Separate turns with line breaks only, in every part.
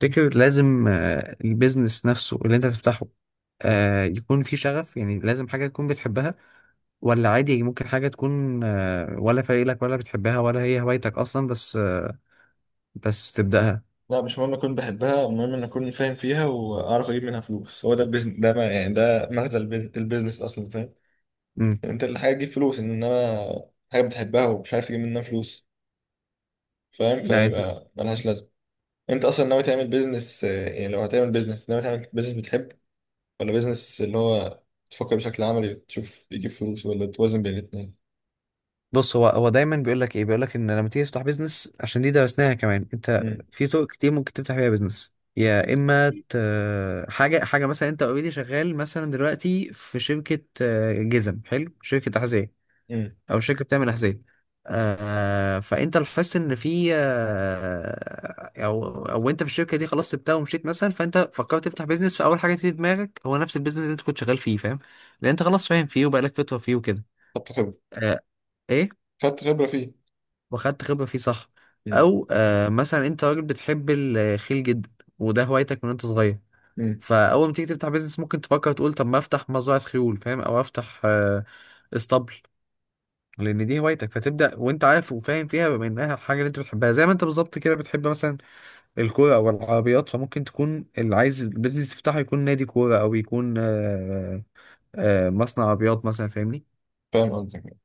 تفتكر لازم البيزنس نفسه اللي انت تفتحه
مم.
يكون فيه شغف، يعني لازم حاجة تكون بتحبها، ولا عادي ممكن حاجة تكون ولا فايلك ولا بتحبها ولا هي هوايتك أصلا، بس بس تبدأها.
لا، مش مهم اكون بحبها، المهم ان اكون فاهم فيها واعرف اجيب منها فلوس. هو ده البيزنس، ده ما يعني ده مغزى البيزنس اصلا، فاهم؟
مم.
يعني انت الحاجه تجيب فلوس، انما حاجه بتحبها ومش عارف تجيب منها فلوس، فاهم؟
يعني انت
فيبقى ملهاش لازمه. انت اصلا ناوي تعمل بيزنس؟ يعني لو هتعمل بيزنس، ناوي تعمل بيزنس بتحب، ولا بيزنس اللي هو تفكر بشكل عملي تشوف يجيب فلوس، ولا توازن بين الاثنين؟
بص. هو دايما بيقول لك ان لما تيجي تفتح بيزنس، عشان دي درسناها كمان. انت
امم.
في طرق كتير ممكن تفتح بيها بيزنس، يا اما حاجه مثلا. انت اوريدي شغال مثلا دلوقتي في شركه، جزم حلو، شركه تحذير،
امم.
او شركه بتعمل احذيه. فانت لاحظت ان في آه او او انت في الشركه دي خلاص سبتها ومشيت مثلا، فانت فكرت تفتح بيزنس، فاول حاجه تيجي في دماغك هو نفس البيزنس اللي انت كنت شغال فيه، فاهم؟ لان انت خلاص فاهم فيه وبقالك فتره فيه وكده.
خدت خبره.
آه. ايه.
خدت خبره فيه.
واخدت خبره فيه، صح.
امم.
او مثلا انت راجل بتحب الخيل جدا، وده هوايتك من انت صغير،
امم.
فاول ما تيجي تفتح بيزنس ممكن تفكر تقول طب ما افتح مزرعه خيول، فاهم، او افتح اسطبل، لان دي هوايتك، فتبدا وانت عارف وفاهم فيها بما انها الحاجه اللي انت بتحبها. زي ما انت بالظبط كده بتحب مثلا الكوره او العربيات، فممكن تكون اللي عايز البيزنس تفتحه يكون نادي كوره، او يكون مصنع عربيات مثلا، فاهمني.
فاهم قصدك.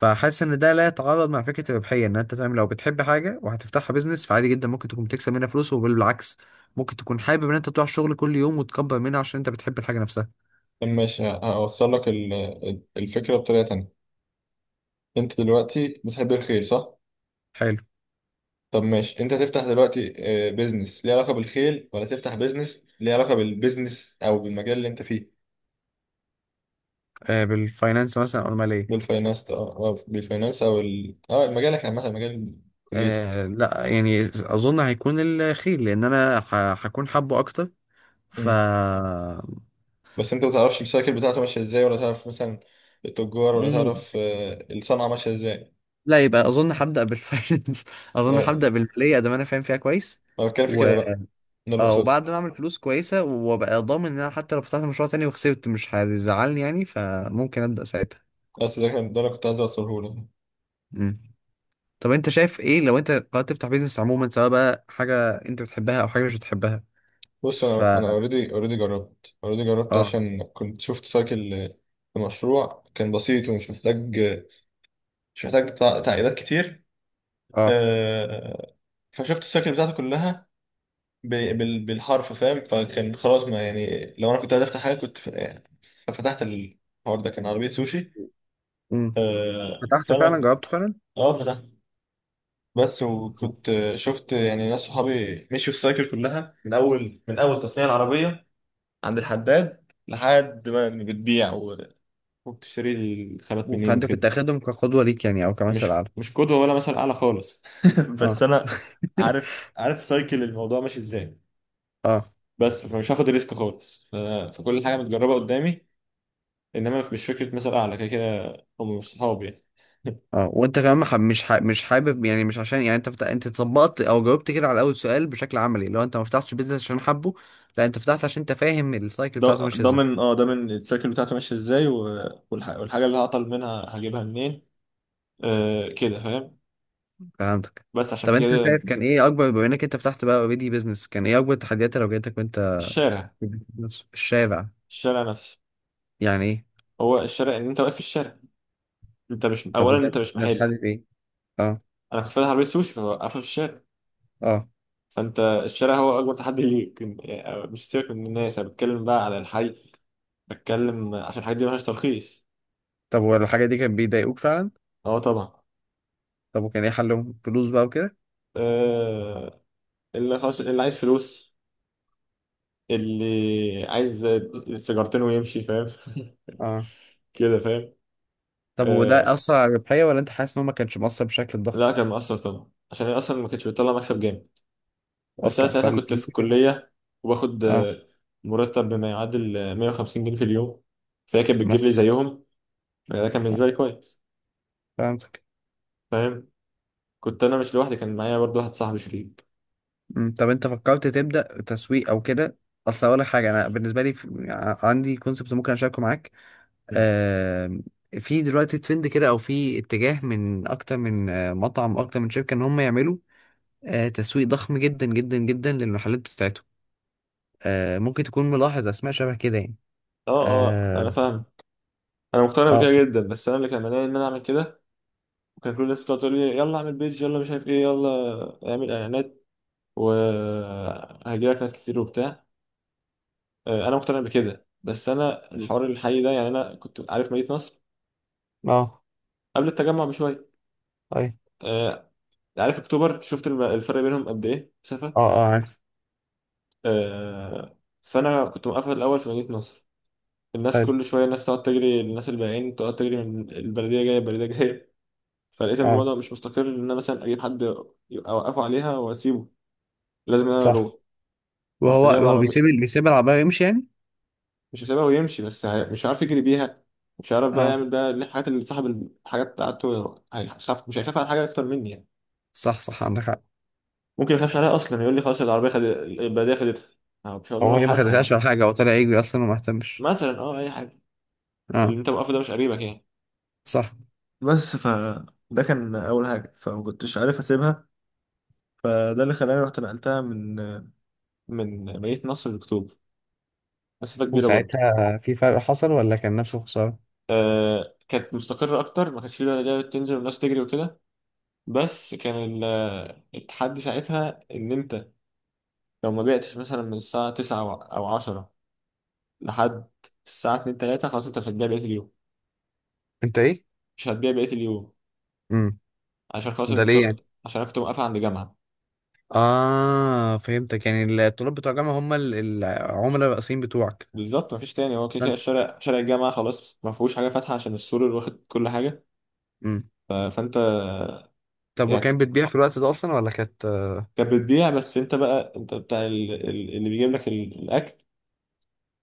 فحاسس ان ده لا يتعارض مع فكره الربحيه، ان انت تعمل، لو بتحب حاجه وهتفتحها بيزنس فعادي جدا ممكن تكون بتكسب منها فلوس، وبالعكس ممكن تكون حابب ان انت تروح الشغل كل يوم وتكبر منها عشان انت بتحب الحاجه نفسها.
طب ماشي، هوصل لك الفكره بطريقه تانيه. انت دلوقتي بتحب الخيل، صح؟
حلو.
طب ماشي، انت تفتح دلوقتي بيزنس ليه علاقة بالخيل، ولا تفتح بيزنس ليه علاقة بالبيزنس او بالمجال اللي انت فيه؟
بالفاينانس مثلا او الماليه.
بالفاينانس، او بالفاينانس، او ال... اه مجالك عامة، مجال كليتك.
لا، يعني اظن هيكون الخيل، لان انا هكون حابه اكتر. ف
مم. بس انت ما تعرفش السايكل بتاعته ماشية ازاي، ولا تعرف مثلا التجار، ولا
مم.
تعرف الصنعة ماشية ازاي.
لا، يبقى اظن هبدا بالفاينانس اظن
لا،
هبدا بالماليه، ده ما انا فاهم فيها كويس.
انا بتكلم في
و...
كده بقى، ده اللي اقصده.
وبعد ما اعمل فلوس كويسه وابقى ضامن ان انا حتى لو فتحت مشروع تاني وخسرت مش هيزعلني، يعني فممكن ابدا ساعتها.
بس ده كان ده اللي كنت عايز اوصله لك.
مم. طب انت شايف ايه لو انت قررت تفتح بيزنس عموما، سواء بقى حاجه انت بتحبها او حاجه مش بتحبها؟
بص،
ف
انا اوريدي جربت
اه.
عشان كنت شفت سايكل في مشروع كان بسيط ومش محتاج مش محتاج تعقيدات كتير.
اه.
آه، فشفت السايكل بتاعته كلها بالحرف، فاهم؟ فكان خلاص، ما يعني لو انا كنت عايز افتح حاجه كنت ففتحت. الحوار ده كان عربيه سوشي.
امم. فتحته فعلا،
فانا
جربته فعلا؟
اه فتحت. بس وكنت شفت يعني ناس صحابي مشوا السايكل كلها من اول تصنيع العربيه عند الحداد، لحد ما بتبيع وبتشتري الخامات منين
فانت
وكده.
كنت اخدهم كقدوه ليك، يعني، او
مش
كمثل اعلى؟
مش قدوة ولا مثل أعلى خالص بس
اه.
أنا عارف سايكل الموضوع ماشي إزاي،
اه.
بس فمش هاخد ريسك خالص فكل حاجة متجربة قدامي، إنما مش فكرة مثل أعلى، كده كده هم صحابي يعني.
اه، وانت كمان مش حابب، يعني مش عشان، يعني انت انت طبقت او جاوبت كده على اول سؤال بشكل عملي، لو انت ما فتحتش بيزنس عشان حبه، لا انت فتحت عشان انت فاهم السايكل بتاعته ماشيه ازاي.
ضامن السايكل بتاعته ماشية إزاي والحاجة اللي هعطل منها هجيبها منين. آه، كده فاهم.
فهمتك.
بس عشان
طب انت
كده.
شايف كان ايه اكبر، بما انك انت فتحت بقى اوريدي بيزنس، كان ايه اكبر التحديات اللي واجهتك وانت
الشارع
في البيزنس؟ الشارع.
الشارع نفسه.
يعني ايه؟
هو الشارع ان انت واقف في الشارع، انت مش،
طب
اولا
وده
انت مش
ده
محل.
اتحدد ايه؟ اه.
انا كنت فاتح عربيه سوشي، فواقفه في الشارع.
اه.
فانت الشارع هو اكبر تحدي ليك، يعني مش سيبك من الناس، انا بتكلم بقى على الحي، بتكلم عشان الحاجات دي ملهاش ترخيص.
طب والحاجه دي كانت بيضايقوك فعلا؟
اه طبعا.
طب وكان ايه حلهم، فلوس بقى وكده؟
آه اللي خلاص، اللي عايز فلوس، اللي عايز سيجارتين ويمشي، فاهم؟
اه.
كده فاهم.
طب وده
آه
أثر على الربحية، ولا أنت حاسس إن هو ما كانش مؤثر بشكل ضخم؟
لا، كان مأثر طبعا عشان هي اصلا ما كانتش بتطلع مكسب جامد. بس انا
أصلا
ساعتها كنت في
فالفلوس كده.
الكليه، وباخد
أه.
مرتب بما يعادل 150 جنيه في اليوم، فهي كانت بتجيب لي
مثلا.
زيهم. يعني ده كان
آه،
بالنسبه لي كويس،
فهمتك.
فاهم. كنت انا مش لوحدي، كان معايا برضو واحد صاحبي شريك.
أمم، طب أنت فكرت تبدأ تسويق أو كده؟ أصل أقول لك حاجة، أنا بالنسبة لي عندي كونسبت ممكن أشاركه معاك.
م.
آه... في دلوقتي ترند كده، أو في اتجاه، من أكتر من مطعم، أكتر من شركة، إن هم يعملوا تسويق ضخم جدا جدا جدا للمحلات بتاعتهم. ممكن تكون ملاحظ أسماء شبه كده يعني.
اه، اه، انا
اه.
فاهم. انا مقتنع
اه.
بكده جدا، بس انا اللي كان مانعني ان انا اعمل كده، وكان كل الناس بتقعد تقول لي يلا اعمل بيج، يلا مش عارف ايه، يلا اعمل اعلانات وهجيلك ناس كتير وبتاع. انا مقتنع بكده، بس انا الحوار الحقيقي ده يعني، انا كنت عارف مدينه نصر
اه.
قبل التجمع بشويه.
أي.
آه، عارف اكتوبر، شفت الفرق بينهم قد ايه
اه.
مسافه.
اه، عارف.
آه، فانا كنت مقفل الاول في مدينه نصر، الناس كل شويه، الناس تقعد تجري، الناس البائعين تقعد تجري من البلديه، جايه البلديه جايه. فلقيت ان
اه.
الوضع مش مستقر ان انا مثلا اجيب حد اوقفه عليها واسيبه، لازم انا اروح.
صح.
رحت
وهو
جايب
هو بيسيب
عربيه،
بيسيب العربية ويمشي يعني.
مش هسيبها ويمشي، بس مش عارف يجري بيها، مش عارف بقى
اه.
يعمل بقى الحاجات. اللي صاحب الحاجه بتاعته، هيخاف، مش هيخاف على حاجه اكتر مني يعني.
صح، صح، عندك حق.
ممكن يخافش عليها اصلا، يقول لي خلاص العربيه خد، البلديه خدتها. أنا مش هقول له
هو هي
روح
ما
هاتها يعني،
خدتهاش ولا حاجة، هو طلع يجري أصلا وما اهتمش.
مثلا، اي حاجه. اللي
اه.
انت موقفه ده مش قريبك يعني.
صح.
بس ده كان اول حاجه، فما كنتش عارف اسيبها، فده اللي خلاني رحت نقلتها من مدينة نصر لأكتوبر. مسافة كبيرة برضه.
وساعتها في فرق حصل، ولا كان نفسه خسارة؟
آه كانت مستقرة أكتر، ما كانش فيه بقى ده، تنزل والناس تجري وكده، بس كان التحدي ساعتها إن أنت لو ما بعتش مثلا من الساعة تسعة أو عشرة لحد الساعة اتنين تلاتة، خلاص أنت مش هتبيع بقية اليوم.
انت ايه؟
مش هتبيع بقية اليوم.
امم. ده ليه يعني؟
عشان أنا كنت موقفة عند جامعة.
اه، فهمتك، يعني الطلاب بتوع الجامعة هم العملاء الرئيسيين بتوعك.
بالظبط، مفيش تاني، هو كده كده
فانت-
الشارع، شارع الجامعة خلاص ما فيهوش حاجة فاتحة عشان السور اللي واخد كل حاجة.
امم.
فأنت،
طب
يعني
وكان بتبيع في الوقت ده أصلا، ولا كانت؟
كانت بتبيع، بس انت بقى، انت بتاع اللي بيجيب لك الاكل،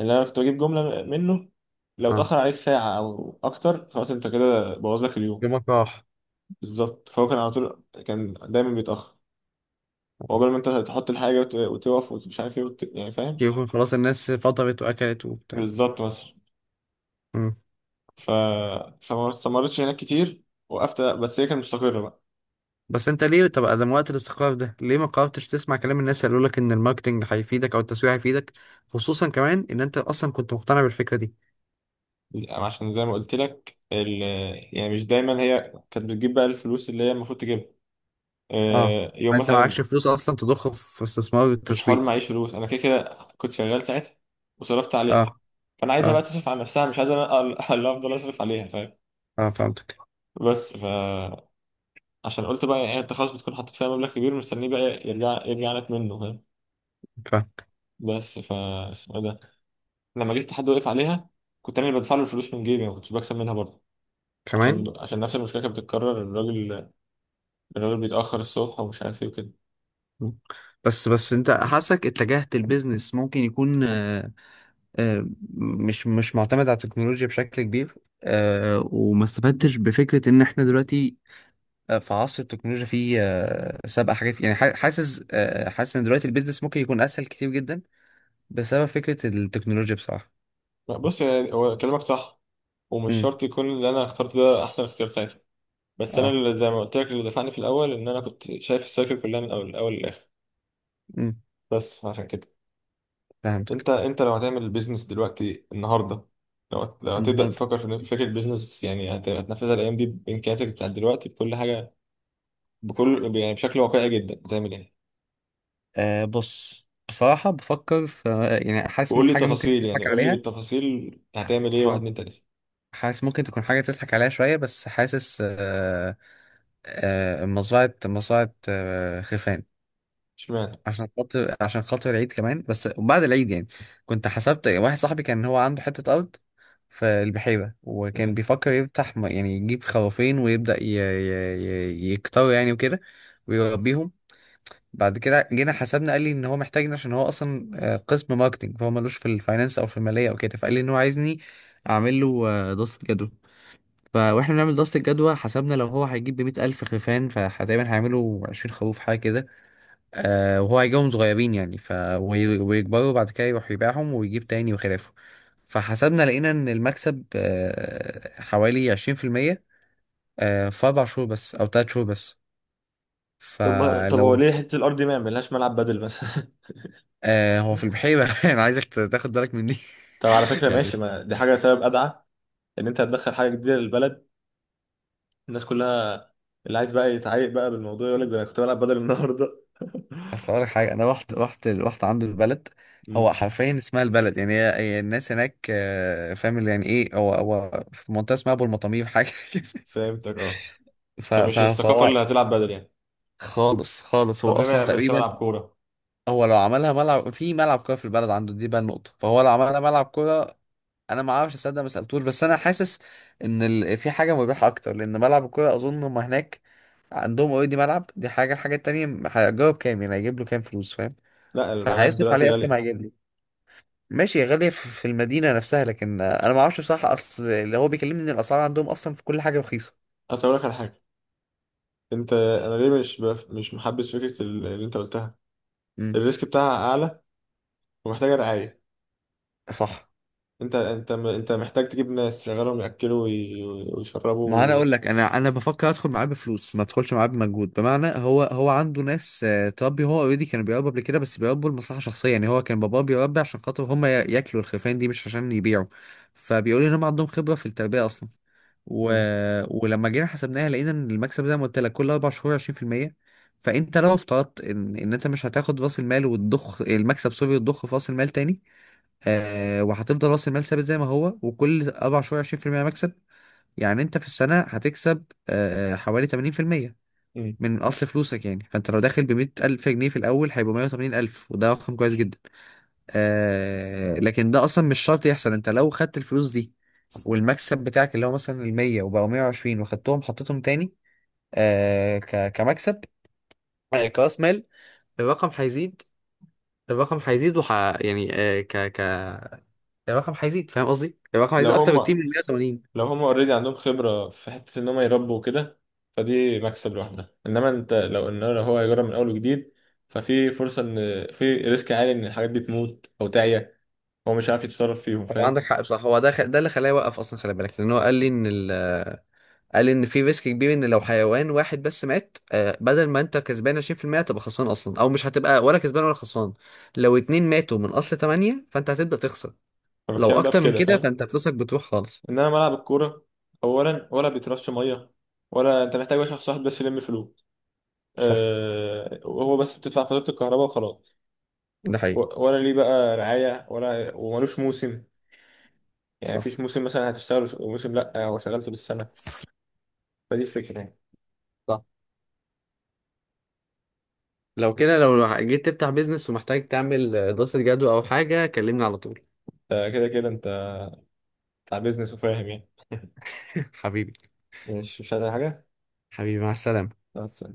اللي انا كنت بجيب جمله منه، لو
اه.
اتاخر عليك ساعه او اكتر خلاص انت كده بوظ لك اليوم.
يومك راح.
بالظبط. فهو كان على طول كان دايما بيتاخر،
آه.
وقبل ما انت تحط الحاجه وتقف، ومش عارف ايه يعني فاهم.
يكون خلاص الناس فطرت وأكلت وبتاع.
بالظبط، مثلا. ف فما استمرتش هناك كتير. وقفت، بس هي كانت مستقره بقى.
بس انت ليه، طب ادم وقت الاستقرار ده ليه ما قررتش تسمع كلام الناس اللي يقولك ان الماركتنج هيفيدك او التسويق هيفيدك؟ خصوصا كمان ان انت اصلا كنت مقتنع بالفكره دي.
عشان زي ما قلت لك يعني مش دايما هي كانت بتجيب بقى الفلوس اللي هي المفروض تجيبها،
اه،
يوم
انت معكش
مثلا.
فلوس اصلا تضخ في استثمار
مش حوار
التسويق.
معيش فلوس، انا كده كده كنت شغال ساعتها، وصرفت
اه.
عليها. فانا عايزها بقى
اه.
تصرف على نفسها، مش عايز انا اللي افضل اصرف عليها، فاهم.
اه، فهمتك.
بس عشان قلت بقى يعني انت خلاص بتكون حاطط فيها مبلغ كبير، مستنيه بقى يرجع لك منه، فاهم.
فاهم.
بس اسمه إيه ده، لما جبت حد وقف عليها، كنت انا اللي بدفع له الفلوس من جيبي، ما كنتش بكسب منها برضه.
كمان.
عشان نفس المشكله كانت بتتكرر. الراجل بيتاخر الصبح ومش عارف ايه وكده.
بس انت حاسك اتجهت البيزنس ممكن يكون آه مش معتمد على التكنولوجيا بشكل كبير. وما استفدتش بفكرة ان احنا دلوقتي في عصر التكنولوجيا، في سابقة حاجات، يعني حاسس ان دلوقتي البيزنس ممكن يكون اسهل كتير جدا بسبب فكرة التكنولوجيا بصراحة.
لا، بص هو كلامك صح، ومش
امم.
شرط يكون اللي انا اخترته ده احسن اختيار ساعتها، بس انا
اه.
اللي زي ما قلت لك اللي دفعني في الاول ان انا كنت شايف السايكل كلها من اول الاول للاخر.
امم.
بس عشان كده.
فهمتك.
انت لو هتعمل بيزنس دلوقتي النهارده، لو هتبدا
النهارده.
تفكر في فكره بيزنس، يعني هتنفذها الايام دي بامكانياتك بتاعت دلوقتي بكل حاجه، يعني بشكل واقعي جدا هتعمل ايه؟
بص، بصراحة بفكر في، يعني حاسس ما
وقول لي
حاجة ممكن
تفاصيل، يعني
تضحك
قول لي
عليها.
بالتفاصيل هتعمل ايه، واحد
حاضر.
اتنين تلاته.
حاسس ممكن تكون حاجة تضحك عليها شوية، بس حاسس مزرعة مزرعة خفان،
اشمعنى.
عشان خاطر العيد كمان، بس بعد العيد يعني. كنت حسبت واحد صاحبي، كان هو عنده حتة أرض في البحيرة، وكان
مم.
بيفكر يفتح يعني يجيب خرافين ويبدأ يكتروا يعني وكده، ويربيهم. بعد كده جينا حسبنا، قال لي ان هو محتاجني عشان هو اصلا قسم ماركتنج، فهو ملوش في الفاينانس او في الماليه او كده، فقال لي ان هو عايزني اعمل له دراسه جدوى. فاحنا بنعمل دراسه الجدوى، حسبنا لو هو هيجيب ب 100,000 خرفان فتقريبا هيعملوا 20 خروف حاجه كده. وهو هيجيبهم صغيرين يعني. ويكبروا وبعد كده يروح يبيعهم ويجيب تاني وخلافه. فحسبنا لقينا ان المكسب حوالي 20%، في 4 شهور بس أو 3 شهور بس.
طب ما طب هو
فلو
ليه حته الارض دي ما يعملهاش ملعب بدل مثلا؟
هو في البحيرة. أنا عايزك تاخد بالك مني.
طب على فكره ماشي،
يعني.
ما دي حاجه، سبب ادعى ان انت هتدخل حاجه جديده للبلد. الناس كلها، اللي عايز بقى يتعايق بقى بالموضوع، يقول لك ده انا كنت بلعب بدل النهارده.
أصل أقول لك حاجة، أنا رحت عنده البلد. هو
امم.
حرفيا اسمها البلد، يعني هي الناس هناك فاهم اللي يعني ايه. هو في منطقة اسمها أبو المطامير حاجة كده.
فهمتك، اه. فمش
فهو.
الثقافه اللي هتلعب بدل يعني.
خالص، خالص هو
طب ليه ما
اصلا
يعملش
تقريبا،
ملعب كوره؟
هو لو عملها ملعب، في ملعب كوره في البلد عنده دي، بقى النقطه، فهو لو عملها ملعب كوره، انا ما اعرفش اصدق، ما سالتوش بس انا حاسس ان في حاجه مربحه اكتر. لان ملعب الكوره اظن هم هناك عندهم اوريدي ملعب، دي حاجه. الحاجه التانيه هيجرب كام، يعني هيجيب له كام فلوس، فاهم.
لا، الملاعب
فهيصرف
دلوقتي
عليه اكتر ما
غاليه.
هيجيب له. ماشي يا غالية، في المدينه نفسها، لكن انا ما اعرفش بصراحه، اصل اللي هو بيكلمني ان الاسعار عندهم اصلا في كل حاجه رخيصه.
اصل اقول لك على حاجه، انا ليه مش محبس فكره اللي انت قلتها.
امم.
الريسك بتاعها اعلى، ومحتاجه رعايه.
صح.
انت محتاج تجيب ناس شغالهم ياكلوا
ما انا
ويشربوا.
اقول لك، انا بفكر ادخل معاه بفلوس، ما ادخلش معاه بمجهود. بمعنى هو عنده ناس تربي. هو اوريدي كانوا بيربوا قبل كده، بس بيربوا لمصلحه شخصيه. يعني هو كان باباه بيربي عشان خاطر هم ياكلوا الخرفان دي مش عشان يبيعوا. فبيقولوا ان هم عندهم خبره في التربيه اصلا. و...
امم.
ولما جينا حسبناها لقينا ان المكسب، زي ما قلت لك، كل 4 شهور 20%. فانت لو افترضت ان انت مش هتاخد راس المال وتضخ المكسب، سوري، وتضخ في راس المال تاني. وهتفضل راس المال ثابت زي ما هو، وكل 4 شهور 20% مكسب. يعني انت في السنة هتكسب حوالي 80%
امم.
من اصل فلوسك. يعني فانت لو داخل ب 100,000 جنيه في الاول هيبقوا 180,000، وده رقم كويس جدا. لكن ده اصلا مش شرط يحصل. انت لو خدت الفلوس دي والمكسب بتاعك اللي هو مثلا ال 100 وبقوا 120، وخدتهم حطيتهم تاني كمكسب، كراس مال، الرقم هيزيد الرقم هيزيد وح يعني آه، ك ك الرقم هيزيد، فاهم قصدي؟ الرقم
لو
هيزيد اكتر
هم
بكتير من 180.
لو هم اوريدي عندهم خبرة في حتة ان هم يربوا وكده، فدي مكسب لوحدها، انما انت لو هو هيجرب من اول وجديد، ففي فرصة ان في ريسك عالي ان الحاجات دي تموت او تعيا، هو مش عارف يتصرف فيهم،
هو
فاهم.
عندك حق. بصح هو ده ده اللي خلاه يوقف اصلا، خلي بالك، لان هو قال لي ان في ريسك كبير، ان لو حيوان واحد بس مات، بدل ما انت كسبان 20% هتبقى خسران اصلا، او مش هتبقى ولا كسبان ولا خسران. لو اتنين ماتوا من اصل 8 فانت هتبدأ تخسر، لو
فبتكلم بقى في
اكتر من
كده،
كده
فاهم.
فانت فلوسك بتروح خالص.
انما ملعب الكورة، اولا ولا بيترش مية، ولا انت محتاج بقى شخص واحد بس يلم فلوس،
صح.
وهو بس بتدفع فاتورة الكهرباء وخلاص.
ده حقيقي.
ولا ليه بقى رعاية، ولا وملوش موسم، يعني
صح.
مفيش موسم مثلا هتشتغل موسم، لا، هو شغلته بالسنة. فدي الفكرة يعني.
صح. لو كده، لو جيت تفتح بيزنس ومحتاج تعمل دراسة جدوى او حاجة، كلمني على طول.
كده كده انت بتاع بيزنس وفاهم يعني.
حبيبي.
مش عايز أي حاجة
حبيبي، مع السلامة.
بس